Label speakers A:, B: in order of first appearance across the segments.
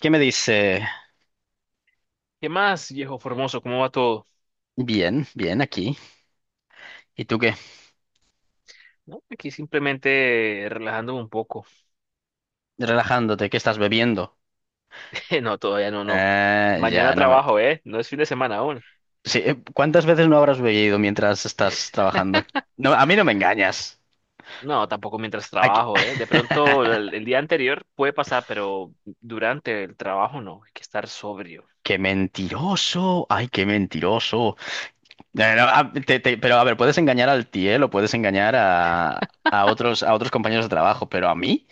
A: ¿Qué me dice?
B: ¿Qué más, viejo Formoso? ¿Cómo va todo?
A: Bien, bien, aquí. ¿Y tú qué?
B: No, aquí simplemente relajándome un poco.
A: Relajándote, ¿qué estás bebiendo?
B: No, todavía no, no.
A: Ya,
B: Mañana
A: no me...
B: trabajo, ¿eh? No es fin de semana aún.
A: Sí, ¿cuántas veces no habrás bebido mientras estás trabajando? No, a mí no me engañas.
B: No, tampoco mientras
A: Aquí-
B: trabajo, ¿eh? De pronto el día anterior puede pasar, pero durante el trabajo no. Hay que estar sobrio.
A: ¡Qué mentiroso! ¡Ay, qué mentiroso! No, ah, te- te- Pero a ver, puedes engañar al tiel o puedes engañar a otros compañeros de trabajo, pero a mí,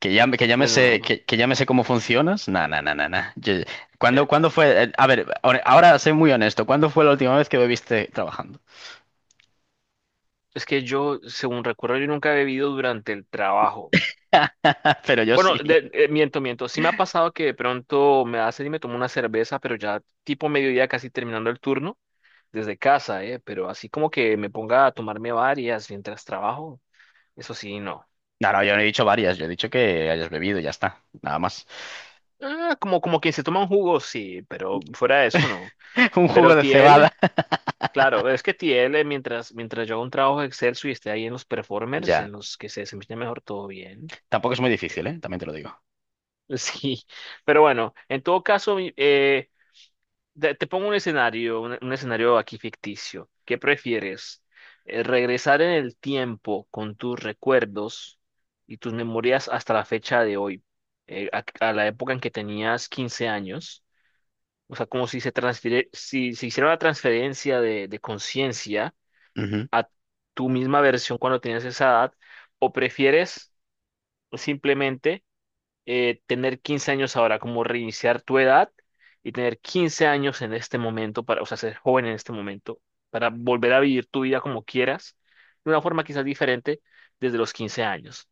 A: Que ya me sé,
B: Bueno,
A: que ya me sé cómo funcionas. Nah, nah, nah, nah, nah. ¿Cuándo,
B: eh,
A: cuándo fue? A ver, ahora soy muy honesto. ¿Cuándo fue la última vez que bebiste trabajando?
B: es que yo, según recuerdo, yo nunca he bebido durante el trabajo.
A: Pero yo
B: Bueno,
A: sí.
B: miento, miento. Sí me ha pasado que de pronto me hace y me tomo una cerveza, pero ya tipo mediodía casi terminando el turno, desde casa, ¿eh? Pero así como que me ponga a tomarme varias mientras trabajo, eso sí, no.
A: No, no, yo no he dicho varias. Yo he dicho que hayas bebido y ya está. Nada más.
B: Ah, como quien se toma un jugo, sí, pero fuera de eso, no.
A: Un jugo
B: Pero
A: de cebada.
B: Tiel, claro, es que Tiel, mientras yo hago un trabajo excelso y esté ahí en los performers,
A: Ya.
B: en los que se desempeña mejor todo bien.
A: Tampoco es muy difícil, ¿eh? También te lo digo.
B: Sí, pero bueno, en todo caso, te pongo un escenario, un escenario aquí ficticio. ¿Qué prefieres? ¿Regresar en el tiempo con tus recuerdos y tus memorias hasta la fecha de hoy, a la época en que tenías 15 años? O sea, como si se transfiere, si se hiciera una transferencia de conciencia
A: Ujú.
B: a tu misma versión cuando tenías esa edad, o prefieres simplemente tener 15 años ahora, como reiniciar tu edad y tener 15 años en este momento, para, o sea, ser joven en este momento, para volver a vivir tu vida como quieras, de una forma quizás diferente desde los 15 años.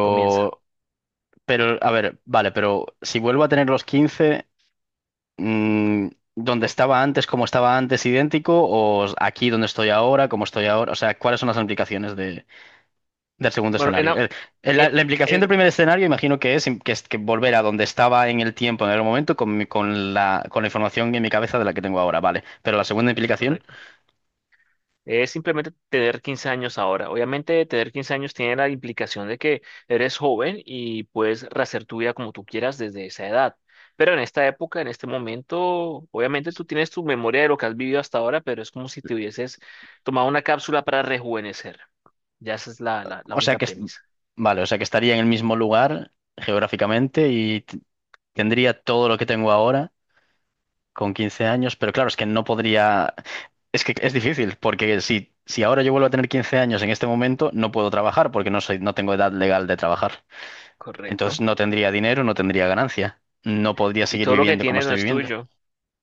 B: Comienza.
A: pero, a ver, vale, pero si vuelvo a tener los 15 mm, ¿dónde estaba antes, como estaba antes, idéntico? ¿O aquí donde estoy ahora, como estoy ahora? O sea, ¿cuáles son las implicaciones de... del segundo
B: Bueno, en,
A: escenario?
B: a- en,
A: La, la implicación del
B: en-
A: primer escenario, imagino que es, que es que volver a donde estaba en el tiempo, en el momento, con la información en mi cabeza de la que tengo ahora, vale. Pero la segunda implicación,
B: correcto. Es simplemente tener 15 años ahora. Obviamente, tener 15 años tiene la implicación de que eres joven y puedes rehacer tu vida como tú quieras desde esa edad. Pero en esta época, en este momento, obviamente tú tienes tu memoria de lo que has vivido hasta ahora, pero es como si te hubieses tomado una cápsula para rejuvenecer. Ya esa es la
A: o
B: única
A: sea que,
B: premisa.
A: vale, o sea que estaría en el mismo lugar geográficamente y tendría todo lo que tengo ahora con 15 años, pero claro, es que no podría, es que es difícil, porque si ahora yo vuelvo a tener 15 años en este momento, no puedo trabajar porque no soy, no tengo edad legal de trabajar. Entonces
B: Correcto.
A: no tendría dinero, no tendría ganancia. No podría
B: Y
A: seguir
B: todo lo que
A: viviendo como
B: tienes no
A: estoy
B: es
A: viviendo.
B: tuyo.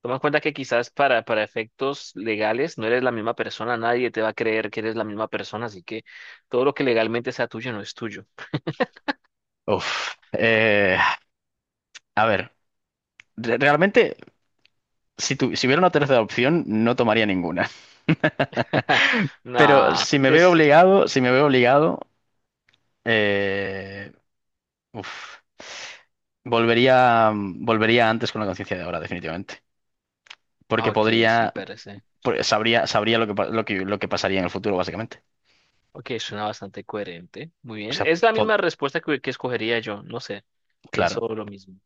B: Toma en cuenta que quizás para efectos legales no eres la misma persona, nadie te va a creer que eres la misma persona, así que todo lo que legalmente sea tuyo no es tuyo.
A: Uf. A ver, realmente, si hubiera una tercera opción, no tomaría ninguna. Pero
B: Nah,
A: si me
B: sí
A: veo
B: es...
A: obligado, si me veo obligado, eh, uf, volvería antes con la conciencia de ahora, definitivamente. Porque
B: Ok, sí,
A: podría,
B: parece.
A: sabría, sabría lo que, lo que, lo que pasaría en el futuro, básicamente.
B: Ok, suena bastante coherente. Muy
A: O
B: bien.
A: sea,
B: Es la misma respuesta que escogería yo, no sé.
A: claro.
B: Pienso lo mismo.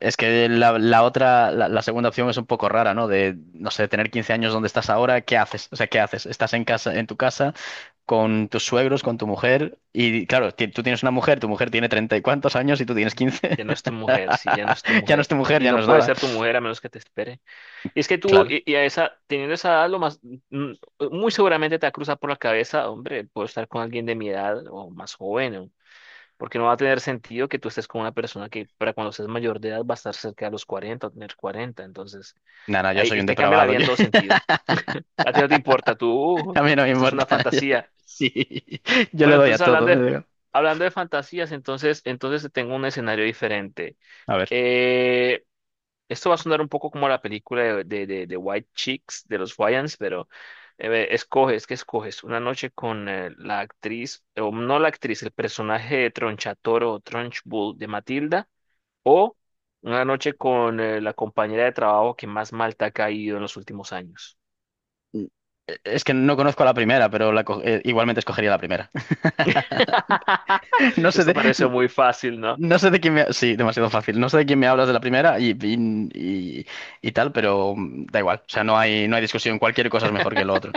A: Es que la otra, la segunda opción es un poco rara, ¿no? De, no sé, tener 15 años donde estás ahora, ¿qué haces? O sea, ¿qué haces? Estás en casa, en tu casa, con tus suegros, con tu mujer, y claro, tú tienes una mujer, tu mujer tiene treinta y cuantos años y tú tienes 15.
B: Ya no es tu mujer, sí, ya no es tu
A: Ya no es
B: mujer.
A: tu mujer,
B: Y
A: ya
B: no
A: no es
B: puede
A: nada.
B: ser tu mujer a menos que te espere. Y es que tú,
A: Claro.
B: y a esa, teniendo esa edad, lo más, mm, muy seguramente te va a cruzar por la cabeza, hombre, puedo estar con alguien de mi edad o más joven, porque no va a tener sentido que tú estés con una persona que para cuando seas mayor de edad va a estar cerca de los 40 o tener 40 entonces
A: Nada, yo
B: ahí
A: soy un
B: te cambia la
A: depravado,
B: vida en todo sentido. A ti no te importa, tú,
A: A mí no me
B: Esto es una
A: importa.
B: fantasía.
A: Sí, yo le
B: Bueno,
A: doy a
B: entonces hablando
A: todo, le
B: de,
A: digo.
B: hablando de fantasías, entonces tengo un escenario diferente.
A: A ver,
B: Eh, Esto va a sonar un poco como la película de White Chicks de los Wayans, pero escoges, ¿qué escoges? Una noche con la actriz, o no la actriz, el personaje de Tronchatoro o Trunchbull de Matilda, o una noche con la compañera de trabajo que más mal te ha caído en los últimos años.
A: es que no conozco a la primera, pero igualmente escogería la primera. No sé,
B: Esto parece muy fácil, ¿no?
A: no sé de quién me... Sí, demasiado fácil. No sé de quién me hablas de la primera y tal, pero da igual. O sea, no hay, no hay discusión. Cualquier cosa es mejor que lo otro.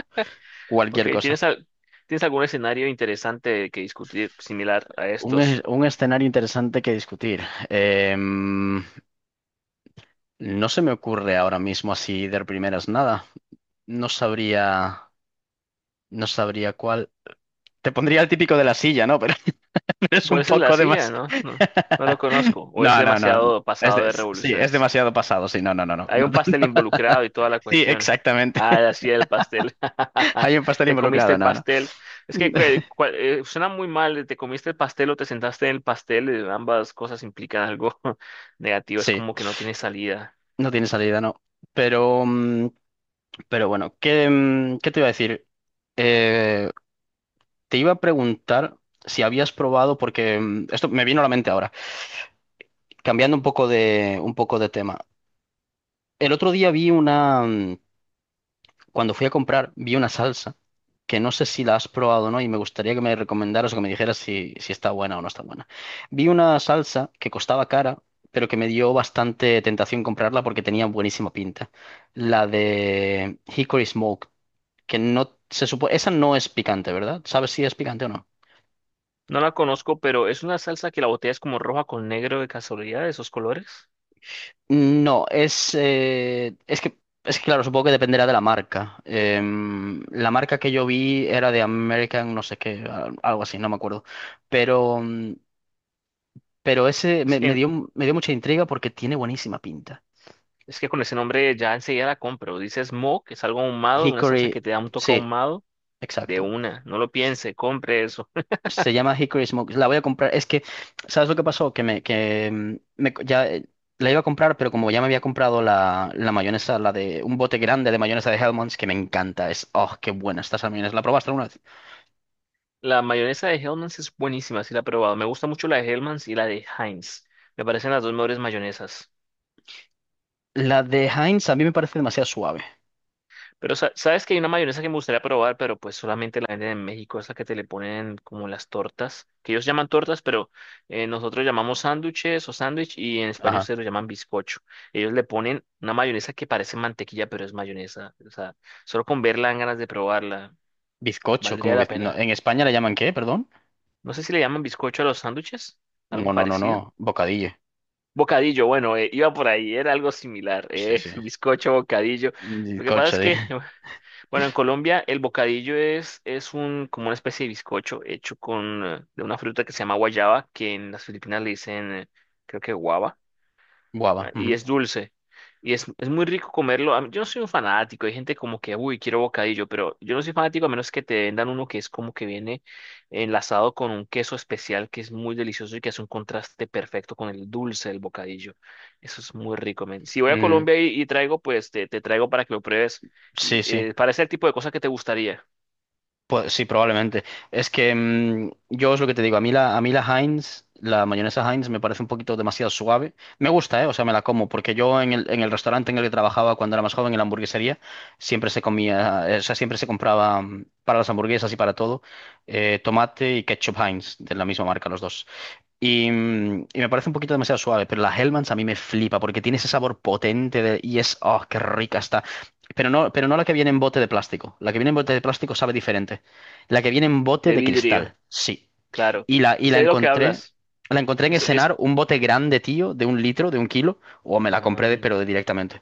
B: Ok,
A: Cualquier cosa.
B: ¿tienes algún escenario interesante que discutir similar a
A: Un,
B: estos?
A: un escenario interesante que discutir. Em, no se me ocurre ahora mismo así de primeras nada. No sabría, no sabría cuál. Te pondría el típico de la silla, ¿no? Pero es
B: ¿Cuál
A: un
B: es el de la
A: poco de
B: silla?
A: más...
B: No, no, no lo conozco. O es
A: No, no, no, no.
B: demasiado pasado de
A: Sí, es
B: revoluciones.
A: demasiado pasado. Sí, no, no, no, no.
B: Hay un pastel involucrado y toda la
A: Sí,
B: cuestión.
A: exactamente.
B: Ah, la silla del pastel.
A: Hay un pastel
B: Te comiste
A: involucrado,
B: el
A: no, no.
B: pastel. Es que suena muy mal. Te comiste el pastel o te sentaste en el pastel. Ambas cosas implican algo negativo. Es
A: Sí,
B: como que no tiene salida.
A: no tiene salida, no. Pero, mm, pero bueno, ¿qué, qué te iba a decir? Eh, Te iba a preguntar si habías probado, porque esto me vino a la mente ahora, cambiando un poco de tema. El otro día vi una, cuando fui a comprar, vi una salsa que no sé si la has probado o no y me gustaría que me recomendaras o que me dijeras si, si está buena o no está buena. Vi una salsa que costaba cara, pero que me dio bastante tentación comprarla porque tenía buenísima pinta. La de Hickory Smoke, que no se supone... Esa no es picante, ¿verdad? ¿Sabes si es picante o no?
B: No la conozco, pero es una salsa que la botella es como roja con negro de casualidad, de esos colores.
A: No, es que, claro, supongo que dependerá de la marca. La marca que yo vi era de American, no sé qué, algo así, no me acuerdo. Pero, mm, pero ese
B: Es
A: me,
B: que,
A: me dio mucha intriga porque tiene buenísima pinta.
B: es que con ese nombre ya enseguida la compro. Dices mo, que es algo ahumado, una salsa que
A: Hickory,
B: te da un toque
A: sí,
B: ahumado. De
A: exacto.
B: una, no lo piense, compre eso.
A: Se llama Hickory Smoke. La voy a comprar. Es que, ¿sabes lo que pasó? Que me, que mm, me co- ya la iba a comprar, pero como ya me había comprado la, la mayonesa, la de un bote grande de mayonesa de Hellmann's, que me encanta. Es, oh, qué buena está esa mayonesa. ¿La probaste alguna vez?
B: La mayonesa de Hellmann's es buenísima, si la he probado. Me gusta mucho la de Hellmann's y la de Heinz. Me parecen las dos mejores mayonesas.
A: La de Heinz a mí me parece demasiado suave.
B: Pero sabes que hay una mayonesa que me gustaría probar, pero pues solamente la venden en México, esa que te le ponen como las tortas, que ellos llaman tortas, pero nosotros llamamos sándwiches o sándwich y en España
A: Ajá.
B: ustedes lo llaman bizcocho. Ellos le ponen una mayonesa que parece mantequilla, pero es mayonesa. O sea, solo con verla dan ganas de probarla.
A: Bizcocho,
B: Valdría
A: como
B: la
A: no,
B: pena.
A: en España le llaman ¿qué? Perdón.
B: No sé si le llaman bizcocho a los sándwiches, algo
A: No, no, no,
B: parecido.
A: no. Bocadillo.
B: Bocadillo, bueno, iba por ahí, era algo similar,
A: Sí, sí.
B: bizcocho, bocadillo. Lo que pasa
A: Bizcocho
B: es
A: de
B: que, bueno, en Colombia el bocadillo es como una especie de bizcocho hecho con, de una fruta que se llama guayaba, que en las Filipinas le dicen, creo que guava ah,
A: guava.
B: y
A: Ujú.
B: es dulce. Y es muy rico comerlo. Yo no soy un fanático. Hay gente como que, uy, quiero bocadillo, pero yo no soy fanático a menos que te vendan uno que es como que viene enlazado con un queso especial que es muy delicioso y que hace un contraste perfecto con el dulce del bocadillo. Eso es muy rico, men. Si voy a
A: Mm,
B: Colombia y traigo, pues te traigo para que lo pruebes. Y
A: sí, sí.
B: para ese tipo de cosas que te gustaría.
A: Pues sí, probablemente. Es que yo es lo que te digo, a mí la Heinz, la mayonesa Heinz me parece un poquito demasiado suave. Me gusta, ¿eh? O sea, me la como, porque yo en el restaurante en el que trabajaba cuando era más joven, en la hamburguesería, siempre se comía, o sea, siempre se compraba para las hamburguesas y para todo, tomate y ketchup Heinz, de la misma marca, los dos. Y, y me parece un poquito demasiado suave, pero la Hellmann's a mí me flipa porque tiene ese sabor potente y es, oh, qué rica está. Pero no la que viene en bote de plástico. La que viene en bote de plástico sabe diferente. La que viene en bote
B: De
A: de
B: vidrio,
A: cristal, sí.
B: claro.
A: Y
B: Sé de lo que hablas.
A: la encontré en el
B: Eso es.
A: cenar un bote grande, tío, de un litro, de un kilo, o me la compré,
B: Ah,
A: pero de directamente.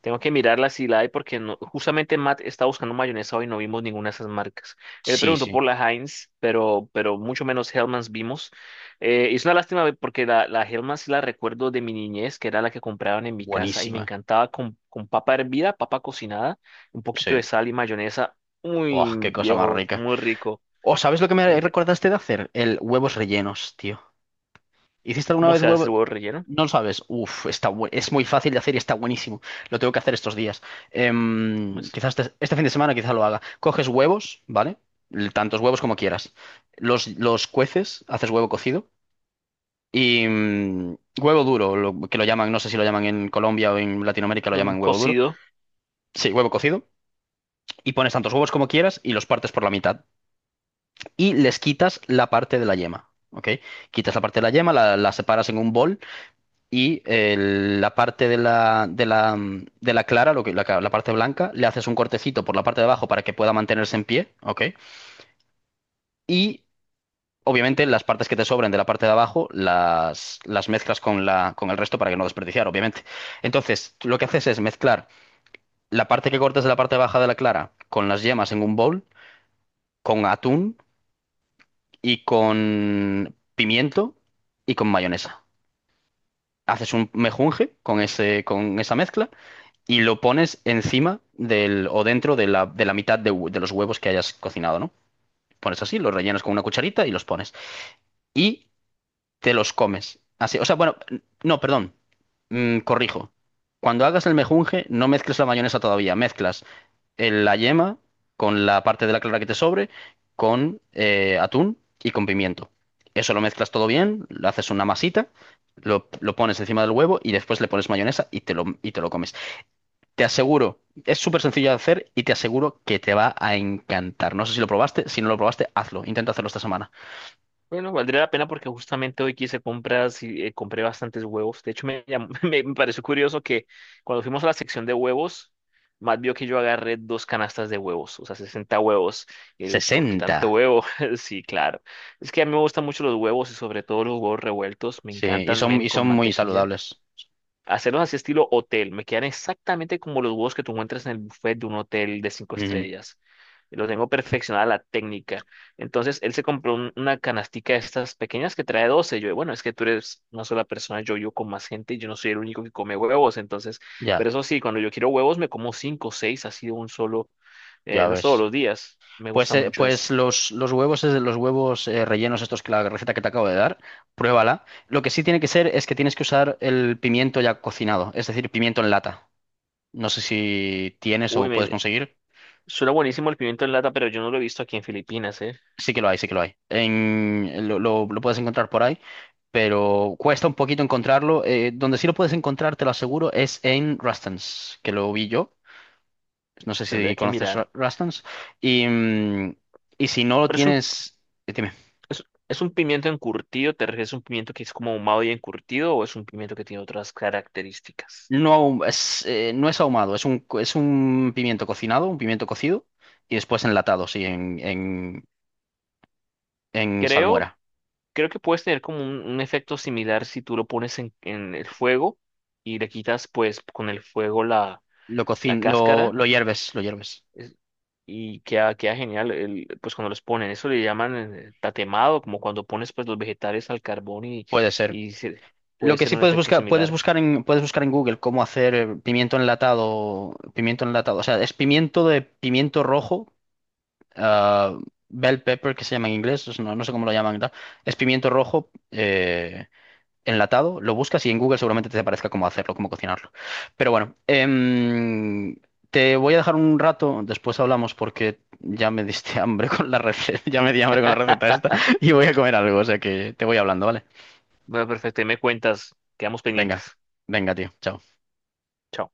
B: tengo que mirarla si la hay porque no, justamente Matt está buscando mayonesa hoy y no vimos ninguna de esas marcas. Él
A: Sí,
B: preguntó por
A: sí,
B: la Heinz, pero mucho menos Hellmann's vimos. Es una lástima porque la Hellmann's sí la recuerdo de mi niñez, que era la que compraban en mi casa y me
A: buenísima,
B: encantaba con papa hervida, papa cocinada, un poquito de
A: sí.
B: sal y mayonesa.
A: Oh,
B: Muy
A: qué cosa más
B: viejo,
A: rica.
B: muy rico.
A: Oh, ¿sabes lo que
B: Me
A: me
B: encanta.
A: recordaste de hacer? El huevos rellenos, tío. ¿Hiciste alguna
B: ¿Cómo
A: vez
B: se hace el
A: huevos?
B: huevo relleno?
A: No lo sabes. Uf, es muy fácil de hacer y está buenísimo. Lo tengo que hacer estos días.
B: Pues,
A: Este fin de semana quizás lo haga. Coges huevos, ¿vale? Tantos huevos como quieras. Los cueces, haces huevo cocido y huevo duro, que lo llaman, no sé si lo llaman en Colombia o en Latinoamérica, lo
B: no, un
A: llaman huevo duro.
B: cocido.
A: Sí, huevo cocido. Y pones tantos huevos como quieras y los partes por la mitad. Y les quitas la parte de la yema, ¿ok? Quitas la parte de la yema, la separas en un bol y la parte de la, de la, de la clara, lo que, la parte blanca, le haces un cortecito por la parte de abajo para que pueda mantenerse en pie, ¿ok? Y obviamente las partes que te sobren de la parte de abajo las mezclas con, la, con el resto para que no desperdiciar, obviamente. Entonces, lo que haces es mezclar la parte que cortas de la parte baja de la clara con las yemas en un bowl, con atún y con pimiento y con mayonesa. Haces un mejunje con ese, con esa mezcla y lo pones encima del o dentro de la mitad de, de los huevos que hayas cocinado, ¿no? Pones así, los rellenas con una cucharita y los pones. Y te los comes. Así, o sea, bueno, no, perdón. Corrijo. Cuando hagas el mejunje, no mezcles la mayonesa todavía. Mezclas la yema con la parte de la clara que te sobre, con atún y con pimiento. Eso lo mezclas todo bien, lo haces una masita, lo pones encima del huevo y después le pones mayonesa y te lo comes. Te aseguro, es súper sencillo de hacer y te aseguro que te va a encantar. No sé si lo probaste, si no lo probaste, hazlo. Intenta hacerlo esta semana.
B: Bueno, valdría la pena porque justamente hoy quise compras y compré bastantes huevos. De hecho, me pareció curioso que cuando fuimos a la sección de huevos, Matt vio que yo agarré dos canastas de huevos, o sea, 60 huevos. El, ¿por qué tanto
A: 60.
B: huevo? Sí, claro. Es que a mí me gustan mucho los huevos y sobre todo los huevos revueltos. Me
A: Sí,
B: encantan, men,
A: y
B: con
A: son muy
B: mantequilla.
A: saludables.
B: Hacerlos así estilo hotel. Me quedan exactamente como los huevos que tú encuentras en el buffet de un hotel de cinco
A: Ujú.
B: estrellas. Lo tengo perfeccionada la técnica. Entonces, él se compró una canastica de estas pequeñas que trae 12. Yo, bueno, es que tú eres una sola persona, yo con más gente y yo no soy el único que come huevos. Entonces,
A: Ya,
B: pero eso sí, cuando yo quiero huevos, me como cinco o seis, así de un solo,
A: ya
B: no es todos
A: ves.
B: los días. Me
A: Pues,
B: gusta mucho eso.
A: pues los huevos, los huevos rellenos, estos que la receta que te acabo de dar, pruébala. Lo que sí tiene que ser es que tienes que usar el pimiento ya cocinado, es decir, pimiento en lata. No sé si tienes
B: Uy,
A: o puedes
B: men,
A: conseguir.
B: suena buenísimo el pimiento en lata, pero yo no lo he visto aquí en Filipinas, ¿eh?
A: Sí que lo hay, sí que lo hay. Lo, lo puedes encontrar por ahí, pero cuesta un poquito encontrarlo. Donde sí lo puedes encontrar, te lo aseguro, es en Rustans, que lo vi yo. No sé si
B: Tendré que
A: conoces
B: mirar.
A: Rustans. Y, y si no lo
B: Pero es un
A: tienes, dime.
B: ¿Es, es un pimiento encurtido? ¿Te refieres a un pimiento que es como ahumado y encurtido o es un pimiento que tiene otras características?
A: No, no es ahumado, es un, es un pimiento cocinado, un pimiento cocido, y después enlatado, sí, en
B: Creo,
A: salmuera.
B: creo que puedes tener como un efecto similar si tú lo pones en el fuego y le quitas pues con el fuego la, la cáscara
A: Lo hierves, lo hierves.
B: es- y queda genial el, pues cuando los ponen. Eso le llaman tatemado, como cuando pones pues los vegetales al carbón
A: Puede ser.
B: y se-
A: Lo
B: puede
A: que
B: ser
A: sí
B: un efecto similar.
A: puedes buscar en Google cómo hacer pimiento enlatado, o sea, es pimiento de pimiento rojo, ah, bell pepper que se llama en inglés, no, no sé cómo lo llaman, y tal. Es pimiento rojo enlatado, lo buscas y en Google seguramente te aparezca cómo hacerlo, cómo cocinarlo. Pero bueno, te voy a dejar un rato, después hablamos porque ya me diste hambre con la receta, ya me di hambre con la receta esta y voy a comer algo, o sea que te voy hablando, ¿vale?
B: Bueno, perfecto, ahí me cuentas, quedamos pendientes.
A: Venga, venga, tío, chao.
B: Chao.